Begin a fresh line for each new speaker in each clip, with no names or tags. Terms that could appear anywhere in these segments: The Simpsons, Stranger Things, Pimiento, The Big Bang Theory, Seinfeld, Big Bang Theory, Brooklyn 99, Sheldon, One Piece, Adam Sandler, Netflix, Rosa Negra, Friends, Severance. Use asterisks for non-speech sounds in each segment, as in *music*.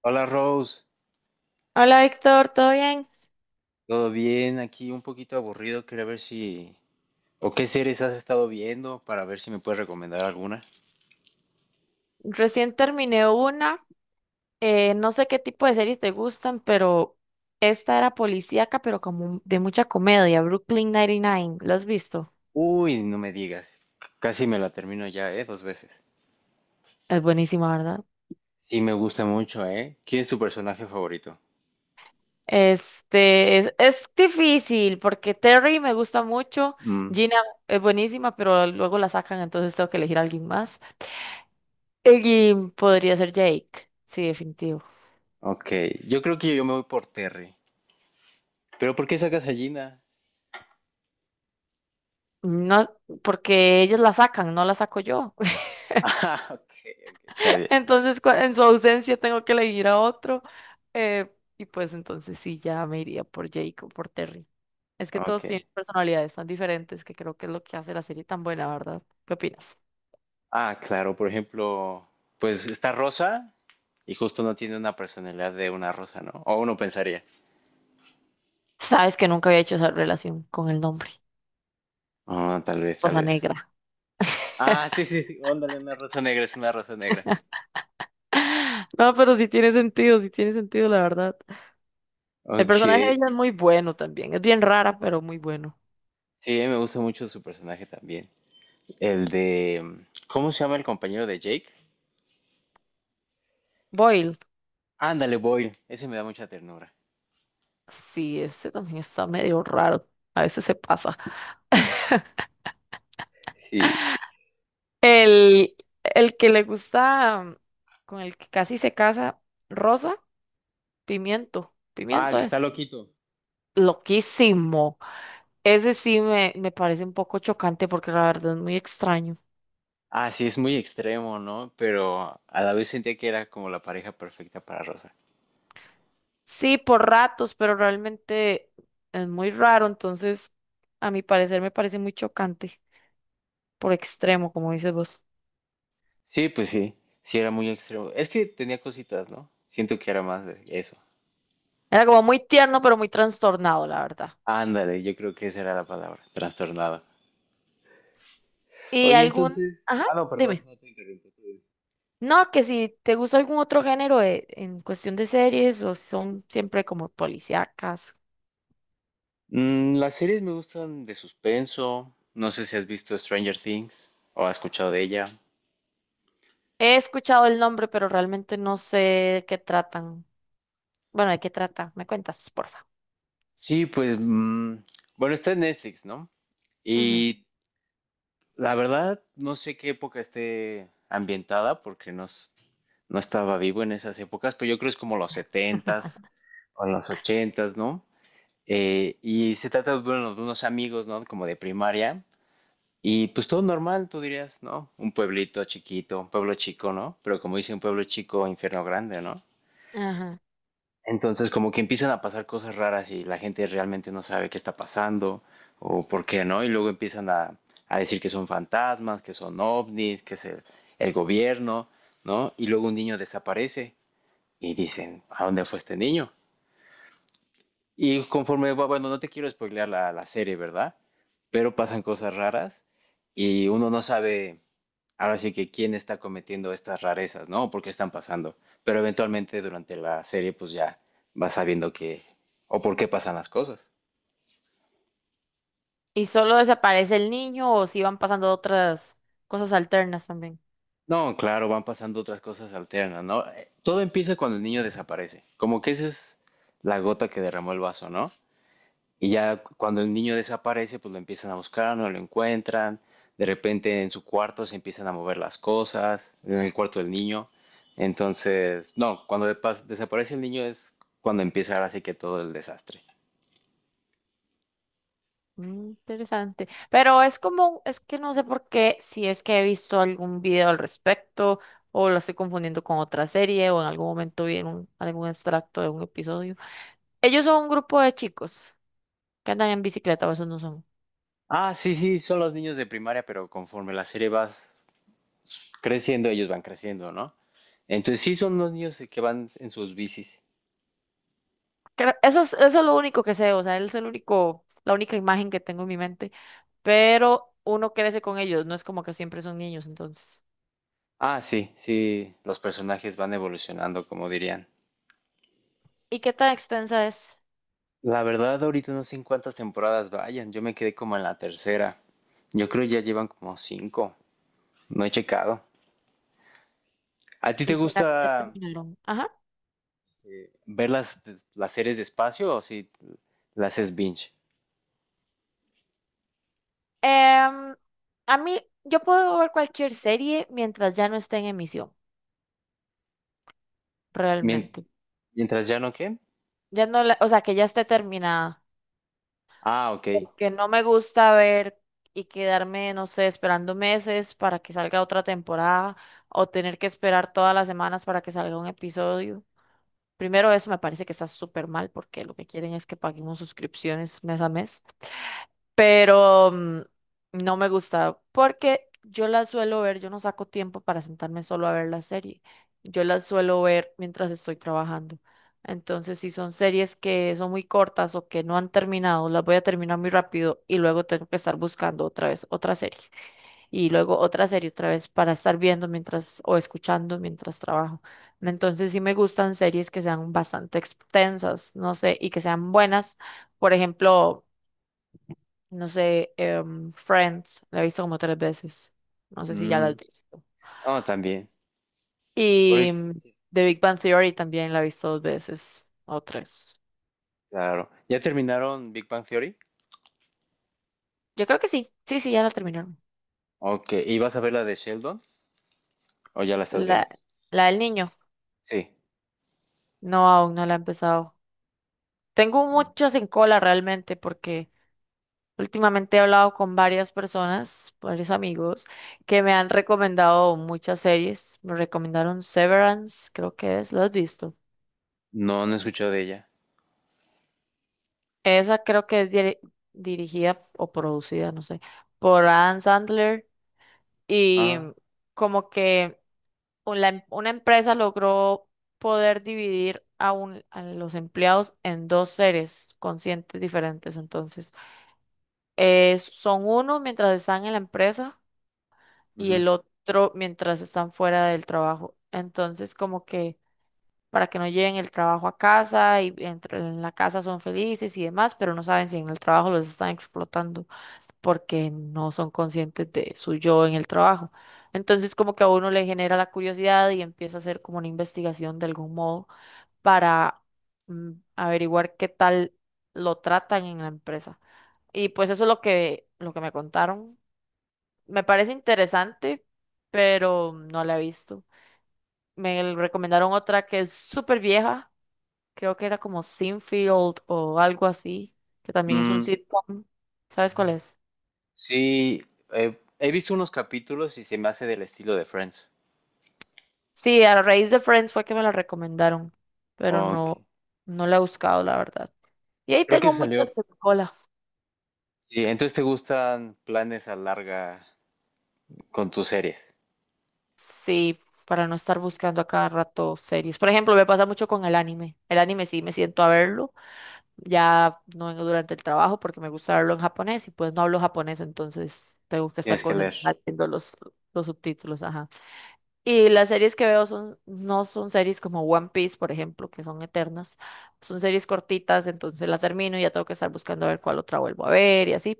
Hola Rose,
Hola Víctor, ¿todo bien?
¿todo bien? Aquí un poquito aburrido, quería ver si... ¿O qué series has estado viendo para ver si me puedes recomendar alguna?
Recién terminé una, no sé qué tipo de series te gustan, pero esta era policíaca, pero como de mucha comedia, Brooklyn 99, ¿la has visto?
Uy, no me digas. Casi me la termino ya, ¿eh? Dos veces.
Es buenísima, ¿verdad?
Sí, me gusta mucho, ¿eh? ¿Quién es tu personaje favorito?
Este, es difícil porque Terry me gusta mucho,
Mm,
Gina es buenísima, pero luego la sacan, entonces tengo que elegir a alguien más. Y podría ser Jake, sí, definitivo.
ok, yo creo que yo me voy por Terry. ¿Pero por qué sacas a Gina?
No, porque ellos la sacan, no la saco yo.
*laughs* Ah, ok, ok, está bien.
Entonces, en su ausencia tengo que elegir a otro. eh, y pues entonces sí, ya me iría por Jake o por Terry. Es que
Ok.
todos tienen personalidades tan diferentes que creo que es lo que hace la serie tan buena, ¿verdad? ¿Qué opinas?
Ah, claro, por ejemplo, pues está Rosa y justo no tiene una personalidad de una rosa, ¿no? O uno pensaría.
Sabes que nunca había hecho esa relación con el nombre,
Ah, tal vez, tal
Rosa
vez.
Negra. *laughs*
Ah, sí, sí, sí. Ándale, una rosa negra, es una rosa negra.
No, pero sí tiene sentido, la verdad. El
Ok.
personaje de ella es muy bueno también. Es bien rara, pero muy bueno.
Sí, a mí me gusta mucho su personaje también. El de... ¿Cómo se llama el compañero de Jake?
Boyle,
Ándale, Boyle. Ese me da mucha ternura.
sí, ese también está medio raro. A veces se pasa. *laughs*
Sí.
El, el que le gusta, con el que casi se casa, Rosa, Pimiento.
Ah, el
Pimiento
que está
es
loquito.
loquísimo. Ese sí me parece un poco chocante porque la verdad es muy extraño.
Ah, sí, es muy extremo, ¿no? Pero a la vez sentía que era como la pareja perfecta para Rosa.
Sí, por ratos, pero realmente es muy raro, entonces a mi parecer me parece muy chocante, por extremo, como dices vos.
Sí, pues sí. Sí, era muy extremo. Es que tenía cositas, ¿no? Siento que era más de eso.
Era como muy tierno, pero muy trastornado, la verdad.
Ándale, yo creo que esa era la palabra. Trastornada.
¿Y
Oye,
algún...?
entonces,
Ajá,
ah, no, perdón,
dime.
no te interrumpo. Tú dices.
No, que si te gusta algún otro género en cuestión de series o son siempre como policíacas.
Mm, las series me gustan de suspenso. No sé si has visto Stranger Things o has escuchado de ella.
He escuchado el nombre, pero realmente no sé de qué tratan. Bueno, ¿de qué trata? ¿Me cuentas, porfa?
Sí, pues, bueno, está en Netflix, ¿no?
Ujú,
Y la verdad, no sé qué época esté ambientada porque no estaba vivo en esas épocas, pero yo creo que es como los
*laughs*
setentas o los ochentas, ¿no? Y se trata, bueno, de unos amigos, ¿no? Como de primaria. Y pues todo normal, tú dirías, ¿no? Un pueblito chiquito, un pueblo chico, ¿no? Pero como dice un pueblo chico, infierno grande, ¿no?
Ajá.
Entonces como que empiezan a pasar cosas raras y la gente realmente no sabe qué está pasando o por qué, ¿no? Y luego empiezan a decir que son fantasmas, que son ovnis, que es el gobierno, ¿no? Y luego un niño desaparece y dicen, ¿a dónde fue este niño? Y conforme va, bueno, no te quiero spoilear la serie, ¿verdad? Pero pasan cosas raras y uno no sabe ahora sí que quién está cometiendo estas rarezas, ¿no? ¿Por qué están pasando? Pero eventualmente durante la serie pues ya vas sabiendo qué o por qué pasan las cosas.
¿Y solo desaparece el niño o si van pasando otras cosas alternas también?
No, claro, van pasando otras cosas alternas, ¿no? Todo empieza cuando el niño desaparece. Como que esa es la gota que derramó el vaso, ¿no? Y ya cuando el niño desaparece, pues lo empiezan a buscar, no lo encuentran. De repente en su cuarto se empiezan a mover las cosas, en el cuarto del niño. Entonces, no, cuando de desaparece el niño es cuando empieza ahora sí que todo el desastre.
Interesante. Pero es como, es que no sé por qué, si es que he visto algún video al respecto o lo estoy confundiendo con otra serie o en algún momento vi en algún extracto de un episodio. Ellos son un grupo de chicos que andan en bicicleta, o esos no son.
Ah, sí, sí, son los niños de primaria, pero conforme la serie va creciendo, ellos van creciendo, ¿no? Entonces sí son los niños que van en sus bicis.
Eso es lo único que sé, o sea, él es el único, la única imagen que tengo en mi mente. Pero uno crece con ellos, no es como que siempre son niños, entonces.
Ah, sí, sí, los personajes van evolucionando, como dirían.
¿Y qué tan extensa es?
La verdad, ahorita no sé en cuántas temporadas vayan. Yo me quedé como en la tercera. Yo creo ya llevan como cinco. No he checado. ¿A ti te
¿Y será
gusta
que ya terminaron? Ajá.
ver las series despacio o si las es binge?
Em, a mí, yo puedo ver cualquier serie mientras ya no esté en emisión,
Mien-
realmente.
mientras ya no qué?
Ya no la- o sea, que ya esté terminada.
Ah, ok.
Porque no me gusta ver y quedarme, no sé, esperando meses para que salga otra temporada o tener que esperar todas las semanas para que salga un episodio. Primero, eso me parece que está súper mal porque lo que quieren es que paguemos suscripciones mes a mes, pero no me gusta porque yo las suelo ver, yo no saco tiempo para sentarme solo a ver la serie, yo las suelo ver mientras estoy trabajando. Entonces, si son series que son muy cortas o que no han terminado, las voy a terminar muy rápido y luego tengo que estar buscando otra vez otra serie y luego otra serie otra vez para estar viendo mientras o escuchando mientras trabajo. Entonces, sí me gustan series que sean bastante extensas, no sé, y que sean buenas. Por ejemplo, no sé, Friends, la he visto como tres veces. No sé si ya la has
Mm,
visto.
no, también. Por
Y
ahí- sí,
The Big Bang Theory también la he visto dos veces o tres.
claro. ¿Ya terminaron Big Bang Theory?
Yo creo que sí. Sí, sí, ya la terminaron.
Ok. ¿Y vas a ver la de Sheldon? ¿O ya la estás viendo?
La, la del niño.
Sí.
No, aún no la he empezado. Tengo muchas en cola realmente porque últimamente he hablado con varias personas, varios amigos, que me han recomendado muchas series. Me recomendaron Severance, creo que es. ¿Lo has visto?
No, no he escuchado de ella.
Esa creo que es dirigida o producida, no sé, por Adam Sandler y
Ah.
como que una empresa logró poder dividir a los empleados en dos seres conscientes diferentes. Entonces, son uno mientras están en la empresa y
Ujú.
el otro mientras están fuera del trabajo. Entonces, como que para que no lleven el trabajo a casa y en la casa son felices y demás, pero no saben si en el trabajo los están explotando. Porque no son conscientes de su yo en el trabajo. Entonces, como que a uno le genera la curiosidad y empieza a hacer como una investigación de algún modo para averiguar qué tal lo tratan en la empresa. Y pues eso es lo que me contaron. Me parece interesante, pero no la he visto. Me recomendaron otra que es súper vieja, creo que era como Sinfield o algo así, que también es un
Mm,
sitcom. ¿Sabes cuál es?
sí, he visto unos capítulos y se me hace del estilo de Friends.
Sí, a raíz de Friends fue que me la recomendaron, pero
Ok.
no, no la he buscado, la verdad. Y ahí
Creo que
tengo
salió.
muchas en cola.
Sí, entonces te gustan planes a larga con tus series.
Sí, para no estar buscando a cada rato series. Por ejemplo, me pasa mucho con el anime. El anime sí me siento a verlo, ya no vengo durante el trabajo porque me gusta verlo en japonés y pues no hablo japonés, entonces tengo que estar
Tienes que leer,
concentrada viendo los subtítulos, ajá. Y las series que veo son, no son series como One Piece, por ejemplo, que son eternas. Son series cortitas, entonces la termino y ya tengo que estar buscando a ver cuál otra vuelvo a ver y así.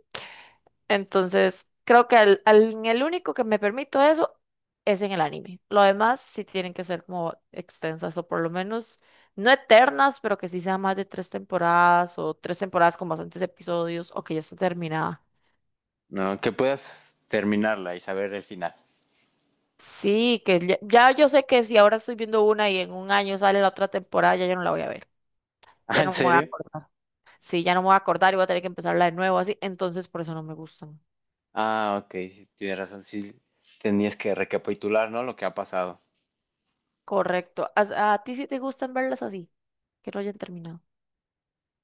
Entonces, creo que en el único que me permito eso es en el anime. Lo demás sí tienen que ser como extensas o por lo menos no eternas, pero que sí sean más de tres temporadas o tres temporadas con bastantes episodios o que ya está terminada.
¿no? Que puedas terminarla y saber el final. *laughs*
Sí, que ya yo sé que si ahora estoy viendo una y en un año sale la otra temporada, ya yo no la voy a ver.
Ah,
Ya
¿en
no me voy a
serio?
acordar. Sí, ya no me voy a acordar y voy a tener que empezarla de nuevo así. Entonces, por eso no me gustan.
Ah, ok, sí, tienes razón. Sí, tenías que recapitular, ¿no? Lo que ha pasado.
Correcto. ¿A ti sí te gustan verlas así? Que no hayan terminado.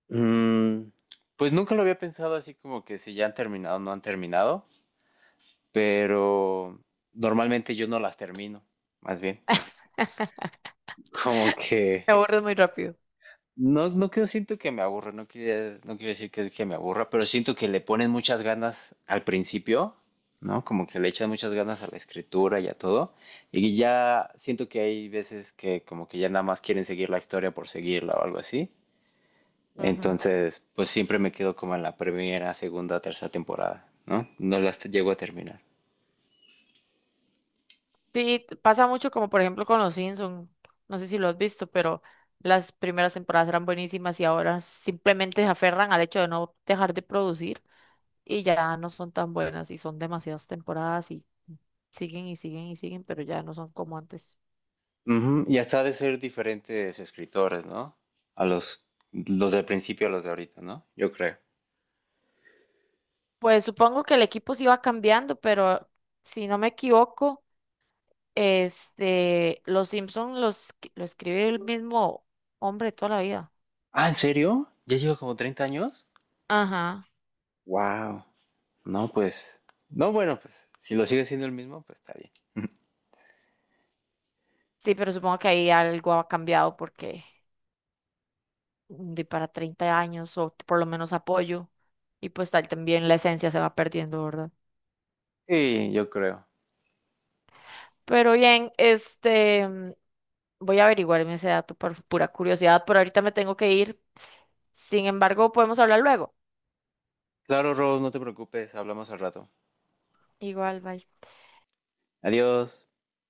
Mm, pues nunca lo había pensado así como que si ya han terminado o no han terminado, pero normalmente yo no las termino, más bien.
*laughs*
Como que
Me aburres muy rápido.
no, no que no siento que me aburre, no quiero decir que, me aburra, pero siento que le ponen muchas ganas al principio, ¿no? Como que le echan muchas ganas a la escritura y a todo. Y ya siento que hay veces que como que ya nada más quieren seguir la historia por seguirla o algo así.
Ujú.
Entonces, pues siempre me quedo como en la primera, segunda, tercera temporada, ¿no? No las llego a terminar.
Sí, pasa mucho como por ejemplo con los Simpsons. No sé si lo has visto, pero las primeras temporadas eran buenísimas y ahora simplemente se aferran al hecho de no dejar de producir y ya no son tan buenas y son demasiadas temporadas y siguen y siguen y siguen, pero ya no son como antes.
Ujú, y hasta ha de ser diferentes escritores, ¿no? A los del principio a los de ahorita, ¿no? Yo creo.
Pues supongo que el equipo se iba cambiando, pero si no me equivoco, este, los Simpson lo escribe el mismo hombre toda la vida.
Ah, ¿en serio? ¿Ya lleva como 30 años?
Ajá.
Wow. No, pues. No, bueno, pues si lo sigue siendo el mismo, pues está bien. *laughs*
Sí, pero supongo que ahí algo ha cambiado porque de para 30 años o por lo menos apoyo y pues tal también la esencia se va perdiendo, ¿verdad?
Sí, yo creo.
Pero bien, este, voy a averiguarme ese dato por pura curiosidad, por ahorita me tengo que ir. Sin embargo, podemos hablar luego.
Claro, Rose, no te preocupes, hablamos al rato.
Igual, bye.
Adiós.